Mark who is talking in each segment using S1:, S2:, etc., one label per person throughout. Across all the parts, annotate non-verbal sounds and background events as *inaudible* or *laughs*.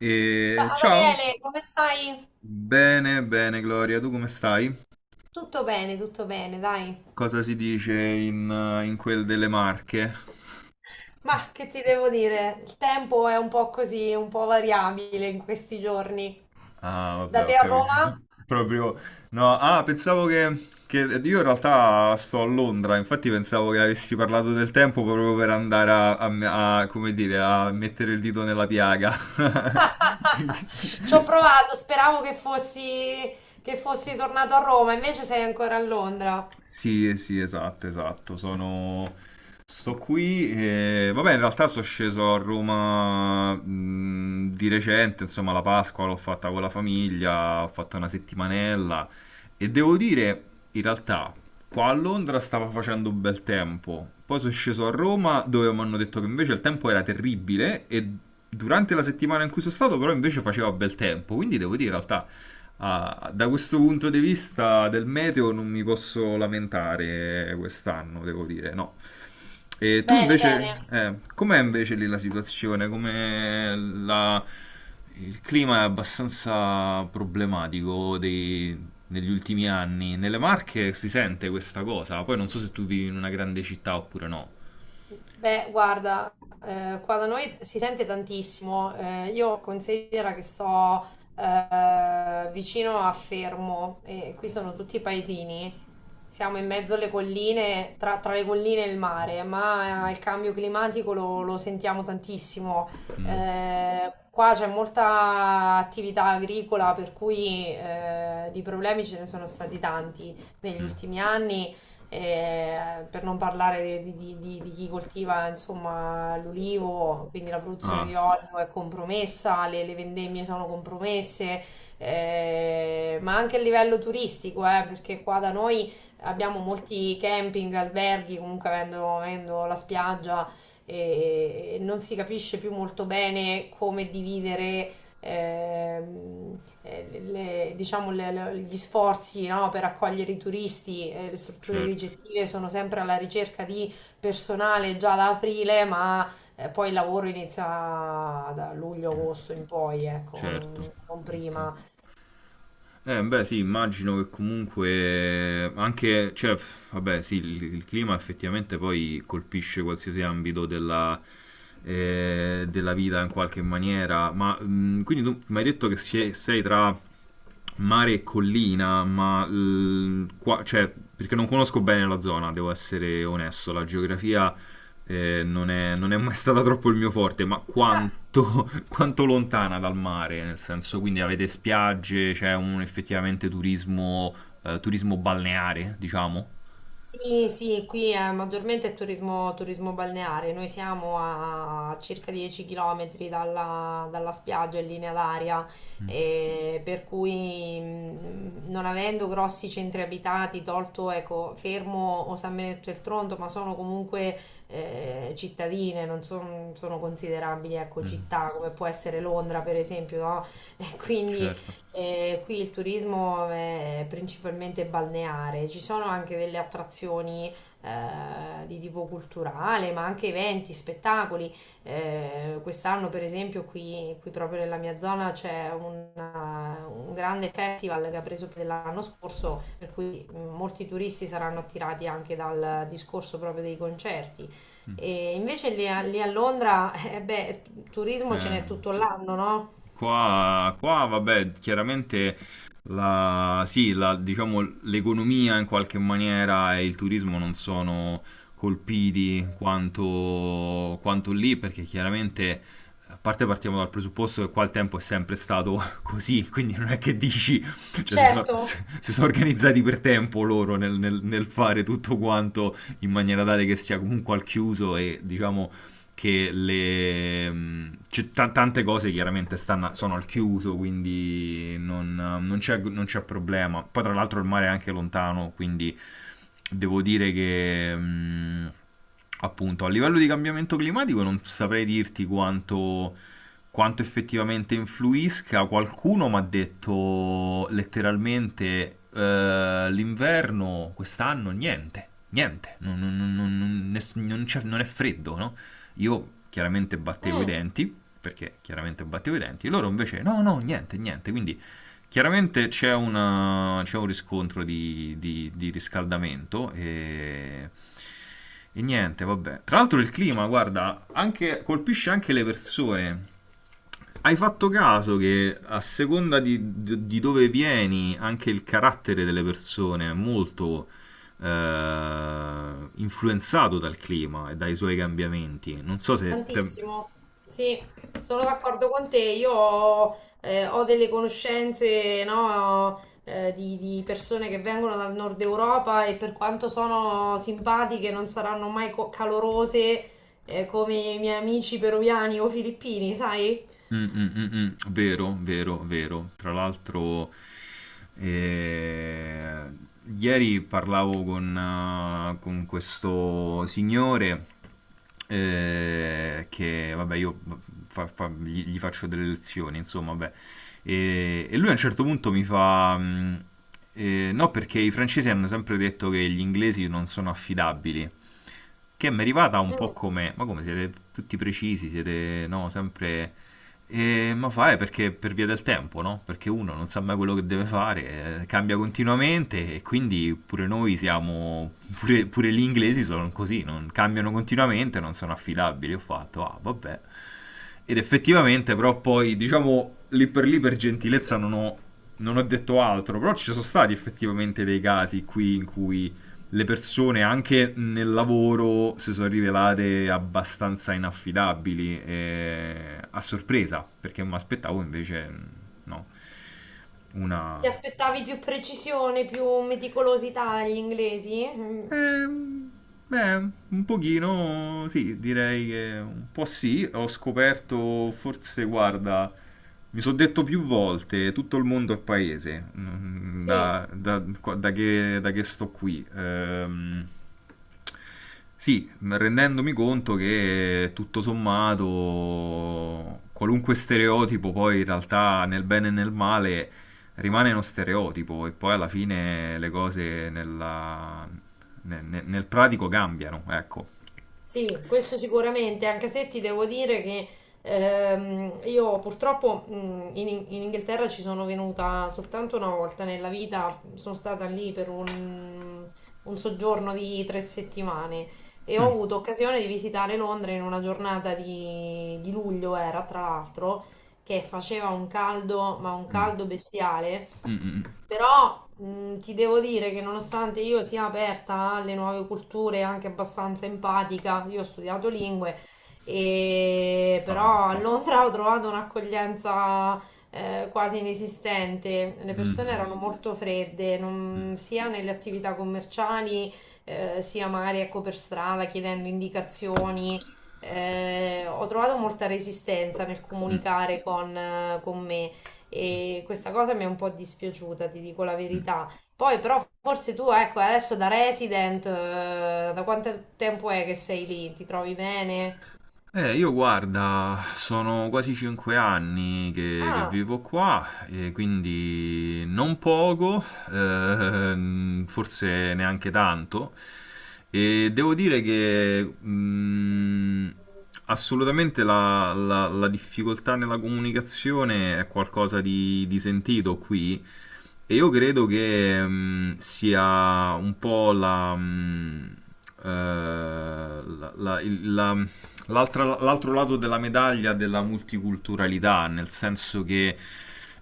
S1: E
S2: Ma
S1: ciao,
S2: Daniele, come stai?
S1: bene, bene Gloria, tu come stai?
S2: Tutto bene, dai.
S1: Cosa si dice in quel delle Marche?
S2: Ma che ti devo dire? Il tempo è un po' così, un po' variabile in questi giorni.
S1: Ah,
S2: Da
S1: vabbè, ho
S2: te a
S1: capito.
S2: Roma?
S1: *laughs* Proprio, no, pensavo che io in realtà sto a Londra, infatti pensavo che avessi parlato del tempo proprio per andare come dire, a mettere il dito nella piaga. *laughs*
S2: *laughs* Ci ho provato, speravo che fossi tornato a Roma, invece sei ancora a Londra.
S1: Sì, sì, esatto, esatto. Sono. Sto qui e. Vabbè, in realtà sono sceso a Roma di recente, insomma, la Pasqua l'ho fatta con la famiglia, ho fatto una settimanella e devo dire, in realtà, qua a Londra stava facendo un bel tempo. Poi sono sceso a Roma dove mi hanno detto che invece il tempo era terribile e durante la settimana in cui sono stato però invece faceva bel tempo. Quindi devo dire, in realtà, da questo punto di vista del meteo non mi posso lamentare quest'anno, devo dire, no. E tu
S2: Bene,
S1: invece,
S2: bene.
S1: com'è invece lì la situazione? Come la. Il clima è abbastanza problematico negli ultimi anni. Nelle Marche si sente questa cosa, poi non so se tu vivi in una grande città oppure no.
S2: Beh, guarda, qua da noi si sente tantissimo. Io considero che sto vicino a Fermo e qui sono tutti paesini. Siamo in mezzo alle colline, tra le colline e il mare, ma il cambio climatico lo sentiamo tantissimo.
S1: Mm,
S2: Qua c'è molta attività agricola, per cui di problemi ce ne sono stati tanti negli
S1: mm.
S2: ultimi anni per non parlare di chi coltiva insomma l'olivo, quindi la produzione
S1: Ah,
S2: di olio è compromessa, le vendemmie sono compromesse, ma anche a livello turistico, perché qua da noi abbiamo molti camping, alberghi, comunque avendo la spiaggia e non si capisce più molto bene come dividere diciamo, gli sforzi, no, per accogliere i turisti. Eh, le strutture
S1: certo,
S2: ricettive sono sempre alla ricerca di personale già da aprile, ma poi il lavoro inizia da luglio-agosto in poi, ecco. Non,
S1: certo.
S2: non
S1: Ok.
S2: prima.
S1: Beh, sì, immagino che comunque anche, cioè, pff, vabbè, sì, il clima effettivamente poi colpisce qualsiasi ambito della vita in qualche maniera, ma quindi tu mi hai detto che sei tra mare e collina, ma cioè, perché non conosco bene la zona, devo essere onesto, la geografia non è mai stata troppo il mio forte, ma quanto, *laughs* quanto lontana dal mare, nel senso, quindi avete spiagge, c'è un effettivamente turismo, turismo balneare, diciamo.
S2: Sì, sì, qui è maggiormente turismo, turismo balneare. Noi siamo a circa 10 km dalla, dalla spiaggia in linea d'aria,
S1: Mm,
S2: e per cui non avendo grossi centri abitati, tolto ecco, Fermo o San Benedetto del Tronto, ma sono comunque cittadine, non son- sono considerabili ecco,
S1: mm,
S2: città come può essere Londra, per esempio, no? Quindi
S1: certo.
S2: qui il turismo è principalmente balneare, ci sono anche delle attrazioni di tipo culturale, ma anche eventi, spettacoli. Quest'anno, per esempio, qui, qui proprio nella mia zona c'è un grande festival che ha preso piede l'anno scorso, per cui molti turisti saranno attirati anche dal discorso proprio dei concerti. E invece lì a Londra, beh, turismo ce
S1: Eh,
S2: n'è tutto l'anno, no?
S1: Vabbè, chiaramente sì, diciamo, l'economia in qualche maniera e il turismo non sono colpiti quanto lì, perché chiaramente, a parte partiamo dal presupposto che qua il tempo è sempre stato *laughs* così, quindi non è che dici, cioè si,
S2: Certo.
S1: si sono organizzati per tempo loro nel fare tutto quanto in maniera tale che sia comunque al chiuso e diciamo che le. C'è tante cose chiaramente sono al chiuso, quindi non c'è problema. Poi tra l'altro il mare è anche lontano, quindi devo dire che. Appunto, a livello di cambiamento climatico non saprei dirti quanto, quanto effettivamente influisca. Qualcuno mi ha detto letteralmente l'inverno quest'anno niente, niente, non è freddo, no? Io chiaramente battevo i
S2: Mm,
S1: denti, perché chiaramente battevo i denti, loro invece no, no, niente, niente. Quindi chiaramente c'è, c'è un riscontro di riscaldamento e niente, vabbè. Tra l'altro il clima, guarda, colpisce anche le persone. Hai fatto caso che a seconda di dove vieni, anche il carattere delle persone è molto influenzato dal clima e dai suoi cambiamenti. Non so se te-
S2: tantissimo, sì, sono d'accordo con te. Io ho, ho delle conoscenze, no, di persone che vengono dal nord Europa e per quanto sono simpatiche, non saranno mai calorose, come i miei amici peruviani o filippini, sai?
S1: Mm, mm, mm, mm. Vero, vero, vero. Tra l'altro, eh, ieri parlavo con questo signore che, vabbè, io gli faccio delle lezioni, insomma, vabbè. E, lui a un certo punto mi fa: no, perché i francesi hanno sempre detto che gli inglesi non sono affidabili che mi è arrivata un po'
S2: Mm.
S1: come, ma come siete tutti precisi, siete no, sempre. Ma fa è perché per via del tempo, no? Perché uno non sa mai quello che deve fare, cambia continuamente e quindi pure noi siamo, pure gli inglesi sono così, non cambiano continuamente, non sono affidabili. Ho fatto, vabbè. Ed effettivamente, però poi, diciamo, lì per gentilezza non ho, non ho detto altro, però ci sono stati effettivamente dei casi qui in cui le persone anche nel lavoro si sono rivelate abbastanza inaffidabili a sorpresa, perché mi aspettavo invece no,
S2: Ti
S1: una.
S2: aspettavi più precisione, più meticolosità dagli inglesi? Mm,
S1: Ehm, Beh, un pochino sì, direi che un po' sì. Ho scoperto, forse, guarda, mi sono detto più volte, tutto il mondo è paese, mm,
S2: sì.
S1: da che sto qui. Sì, rendendomi conto che tutto sommato, qualunque stereotipo poi in realtà nel bene e nel male rimane uno stereotipo e poi alla fine le cose nel pratico cambiano, ecco.
S2: Sì, questo sicuramente, anche se ti devo dire che io purtroppo in Inghilterra ci sono venuta soltanto una volta nella vita, sono stata lì per un soggiorno di 3 settimane e ho
S1: Mm.
S2: avuto occasione di visitare Londra in una giornata di luglio. Era tra l'altro, che faceva un caldo, ma un
S1: Mm.
S2: caldo bestiale.
S1: Mm, mm, mm.
S2: Però ti devo dire che nonostante io sia aperta alle nuove culture, e anche abbastanza empatica, io ho studiato lingue, e
S1: Ah,
S2: però a
S1: ok.
S2: Londra *laughs* ho trovato un'accoglienza quasi inesistente. Le
S1: Mm,
S2: persone
S1: mm,
S2: erano molto fredde, non-
S1: mm,
S2: sia nelle attività commerciali, sia magari ecco per strada chiedendo indicazioni. Ho trovato molta resistenza nel
S1: mm,
S2: comunicare con me e questa cosa mi è un po' dispiaciuta, ti dico la
S1: mm.
S2: verità. Poi però forse tu, ecco, adesso da resident, da quanto tempo è che sei lì? Ti trovi bene?
S1: Io guarda, sono quasi 5 anni che
S2: Ah,
S1: vivo qua e quindi non poco, forse neanche tanto. E devo dire che assolutamente la difficoltà nella comunicazione è qualcosa di sentito qui. E io credo che sia un po' eh, la- la- il- la- l'altro lato della medaglia della multiculturalità, nel senso che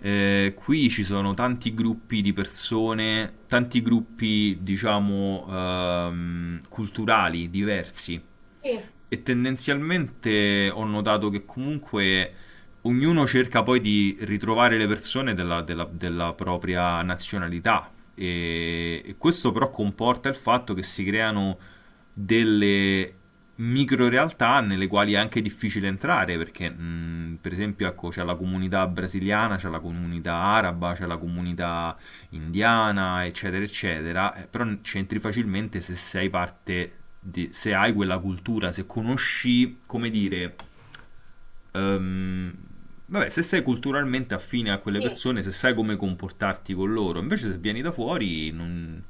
S1: qui ci sono tanti gruppi di persone, tanti gruppi, diciamo, culturali diversi
S2: sì,
S1: e tendenzialmente ho notato che comunque ognuno cerca poi di ritrovare le persone della propria nazionalità e questo però comporta il fatto che si creano delle micro realtà nelle quali è anche difficile entrare perché per esempio ecco, c'è la comunità brasiliana, c'è la comunità araba, c'è la comunità indiana, eccetera, eccetera, però c'entri facilmente se sei parte, di, se hai quella cultura, se conosci, come dire, ehm, vabbè, se sei culturalmente affine a quelle
S2: sì,
S1: persone, se sai come comportarti con loro, invece se vieni da fuori non-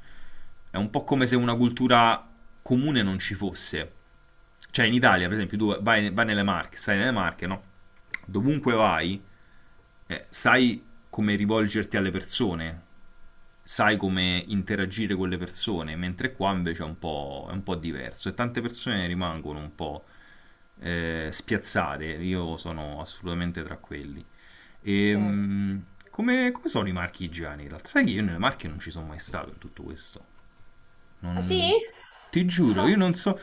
S1: è un po' come se una cultura comune non ci fosse. Cioè in Italia, per esempio, tu vai, vai nelle Marche, stai nelle Marche, no? Dovunque vai, sai come rivolgerti alle persone, sai come interagire con le persone, mentre qua invece è un po' diverso e tante persone rimangono un po' spiazzate, io sono assolutamente tra quelli. E,
S2: sì.
S1: mh, come sono i marchi igiani in realtà? Sai che io nelle Marche non ci sono mai stato in tutto questo.
S2: Ah, sì?
S1: Non- Ti giuro, io
S2: Ah.
S1: non so.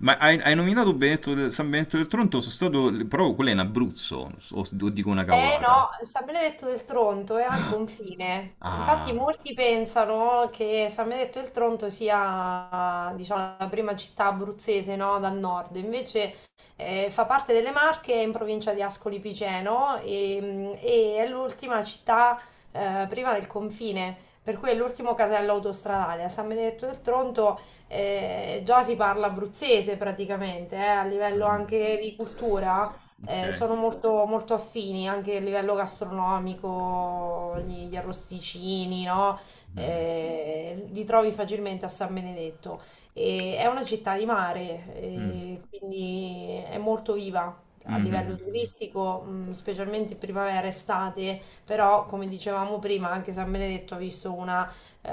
S1: Ma hai nominato San Benedetto del Tronto? Sono stato. Però quello è in Abruzzo, o dico una
S2: Eh
S1: cavolata.
S2: no, San Benedetto del Tronto è al confine. Infatti
S1: Ah,
S2: molti pensano che San Benedetto del Tronto sia, diciamo, la prima città abruzzese, no, dal nord. Invece fa parte delle Marche, è in provincia di Ascoli Piceno e, mm, e è l'ultima città prima del confine. Per cui è l'ultimo casello autostradale. A San Benedetto del Tronto già si parla abruzzese praticamente, a livello
S1: ah,
S2: anche di cultura
S1: ok.
S2: sono molto, molto affini anche a livello gastronomico, gli arrosticini, no?
S1: Mm,
S2: Li trovi facilmente a San Benedetto. E è una città di mare,
S1: mm,
S2: quindi è molto viva. A
S1: mm, mm,
S2: livello
S1: mm. Mm.
S2: turistico, specialmente primavera, estate, però come dicevamo prima, anche San Benedetto ha visto eh,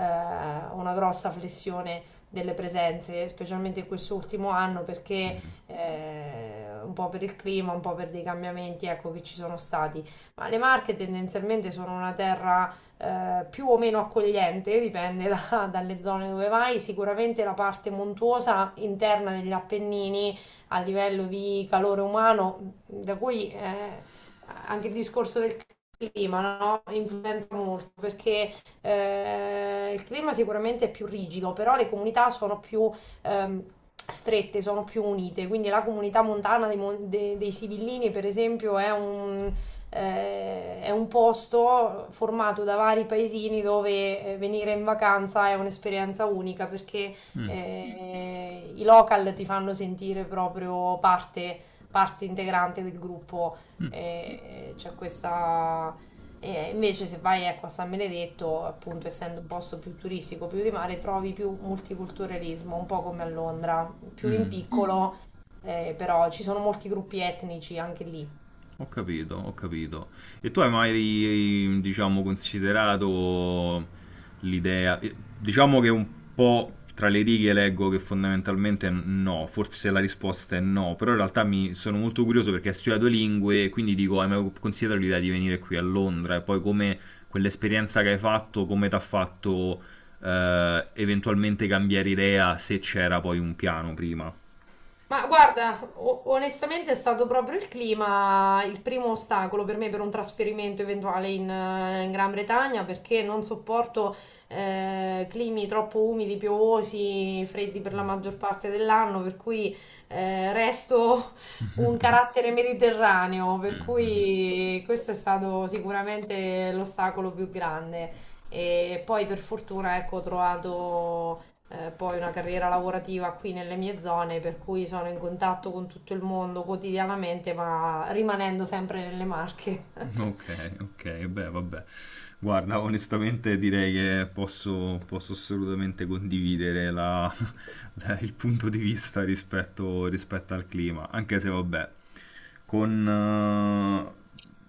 S2: una grossa flessione delle presenze, specialmente in quest'ultimo anno, perché un po' per il clima, un po' per dei cambiamenti, ecco, che ci sono stati. Ma le Marche tendenzialmente sono una terra più o meno accogliente, dipende *laughs* dalle zone dove vai. Sicuramente la parte montuosa interna degli Appennini a livello di calore umano, da cui anche il discorso del clima, clima no? Influenza molto perché il clima sicuramente è più rigido, però le comunità sono più ehm, strette, sono più unite. Quindi la comunità montana dei Sibillini, per esempio, è un posto formato da vari paesini dove venire in vacanza è un'esperienza unica perché
S1: Mm,
S2: i local ti fanno sentire proprio parte, parte integrante del gruppo. E, e c'è questa e invece se vai ecco, a San Benedetto, appunto, essendo un posto più turistico, più di mare, trovi più multiculturalismo, un po' come a Londra, più in Mm.
S1: mm,
S2: piccolo, però ci sono molti gruppi etnici anche lì.
S1: ho capito, ho capito. E tu hai mai, diciamo, considerato l'idea, diciamo che un po' tra le righe leggo che fondamentalmente no, forse la risposta è no, però in realtà mi sono molto curioso perché hai studiato lingue e quindi dico, hai mai considerato l'idea di venire qui a Londra e poi come quell'esperienza che hai fatto, come ti ha fatto eventualmente cambiare idea se c'era poi un piano prima?
S2: Ma guarda, onestamente è stato proprio il clima il primo ostacolo per me per un trasferimento eventuale in, in Gran Bretagna perché non sopporto climi troppo umidi, piovosi, freddi per la maggior parte dell'anno, per cui resto un carattere mediterraneo, per
S1: *laughs*
S2: cui questo è stato sicuramente l'ostacolo più grande. E poi per fortuna ecco, ho trovato poi una carriera lavorativa qui nelle mie zone, per cui sono in contatto con tutto il mondo quotidianamente, ma rimanendo sempre nelle Marche. *laughs*
S1: Ok, ok, beh, vabbè. Guarda, onestamente direi che posso assolutamente condividere la- *laughs* la- il punto di vista rispetto al clima, anche se vabbè, con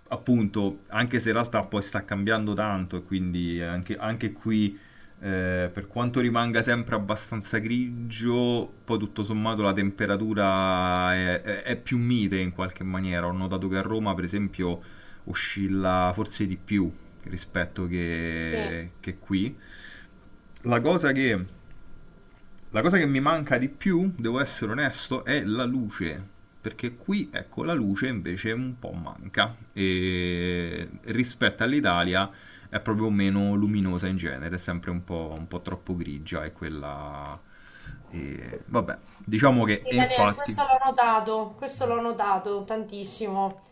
S1: appunto, anche se in realtà poi sta cambiando tanto e quindi anche qui, per quanto rimanga sempre abbastanza grigio, poi tutto sommato la temperatura è più mite in qualche maniera. Ho notato che a Roma, per esempio, oscilla forse di più rispetto
S2: Sì,
S1: che qui. La cosa che, la cosa che mi manca di più, devo essere onesto, è la luce. Perché qui, ecco, la luce invece un po' manca. E rispetto all'Italia è proprio meno luminosa in genere, è sempre un po' troppo grigia e quella. E vabbè, diciamo che
S2: sì,
S1: e
S2: Daniele,
S1: infatti.
S2: questo l'ho notato tantissimo.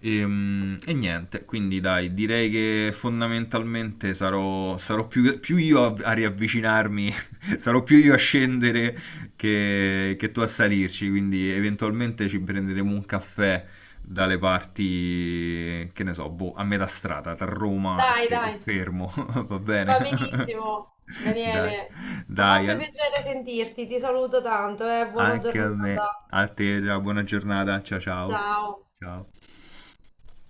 S1: E niente, quindi dai, direi che fondamentalmente sarò più io a riavvicinarmi, *laughs* sarò più io a scendere che tu a salirci, quindi eventualmente ci prenderemo un caffè dalle parti, che ne so, boh, a metà strada, tra Roma e,
S2: Dai,
S1: Fe- e
S2: dai,
S1: Fermo, *laughs* va bene?
S2: va
S1: *laughs*
S2: benissimo,
S1: Dai,
S2: Daniele. Mi ha
S1: dai,
S2: fatto
S1: al-
S2: piacere sentirti, ti saluto tanto, buona
S1: anche a me,
S2: giornata.
S1: a te, buona giornata, ciao ciao,
S2: Ciao.
S1: ciao.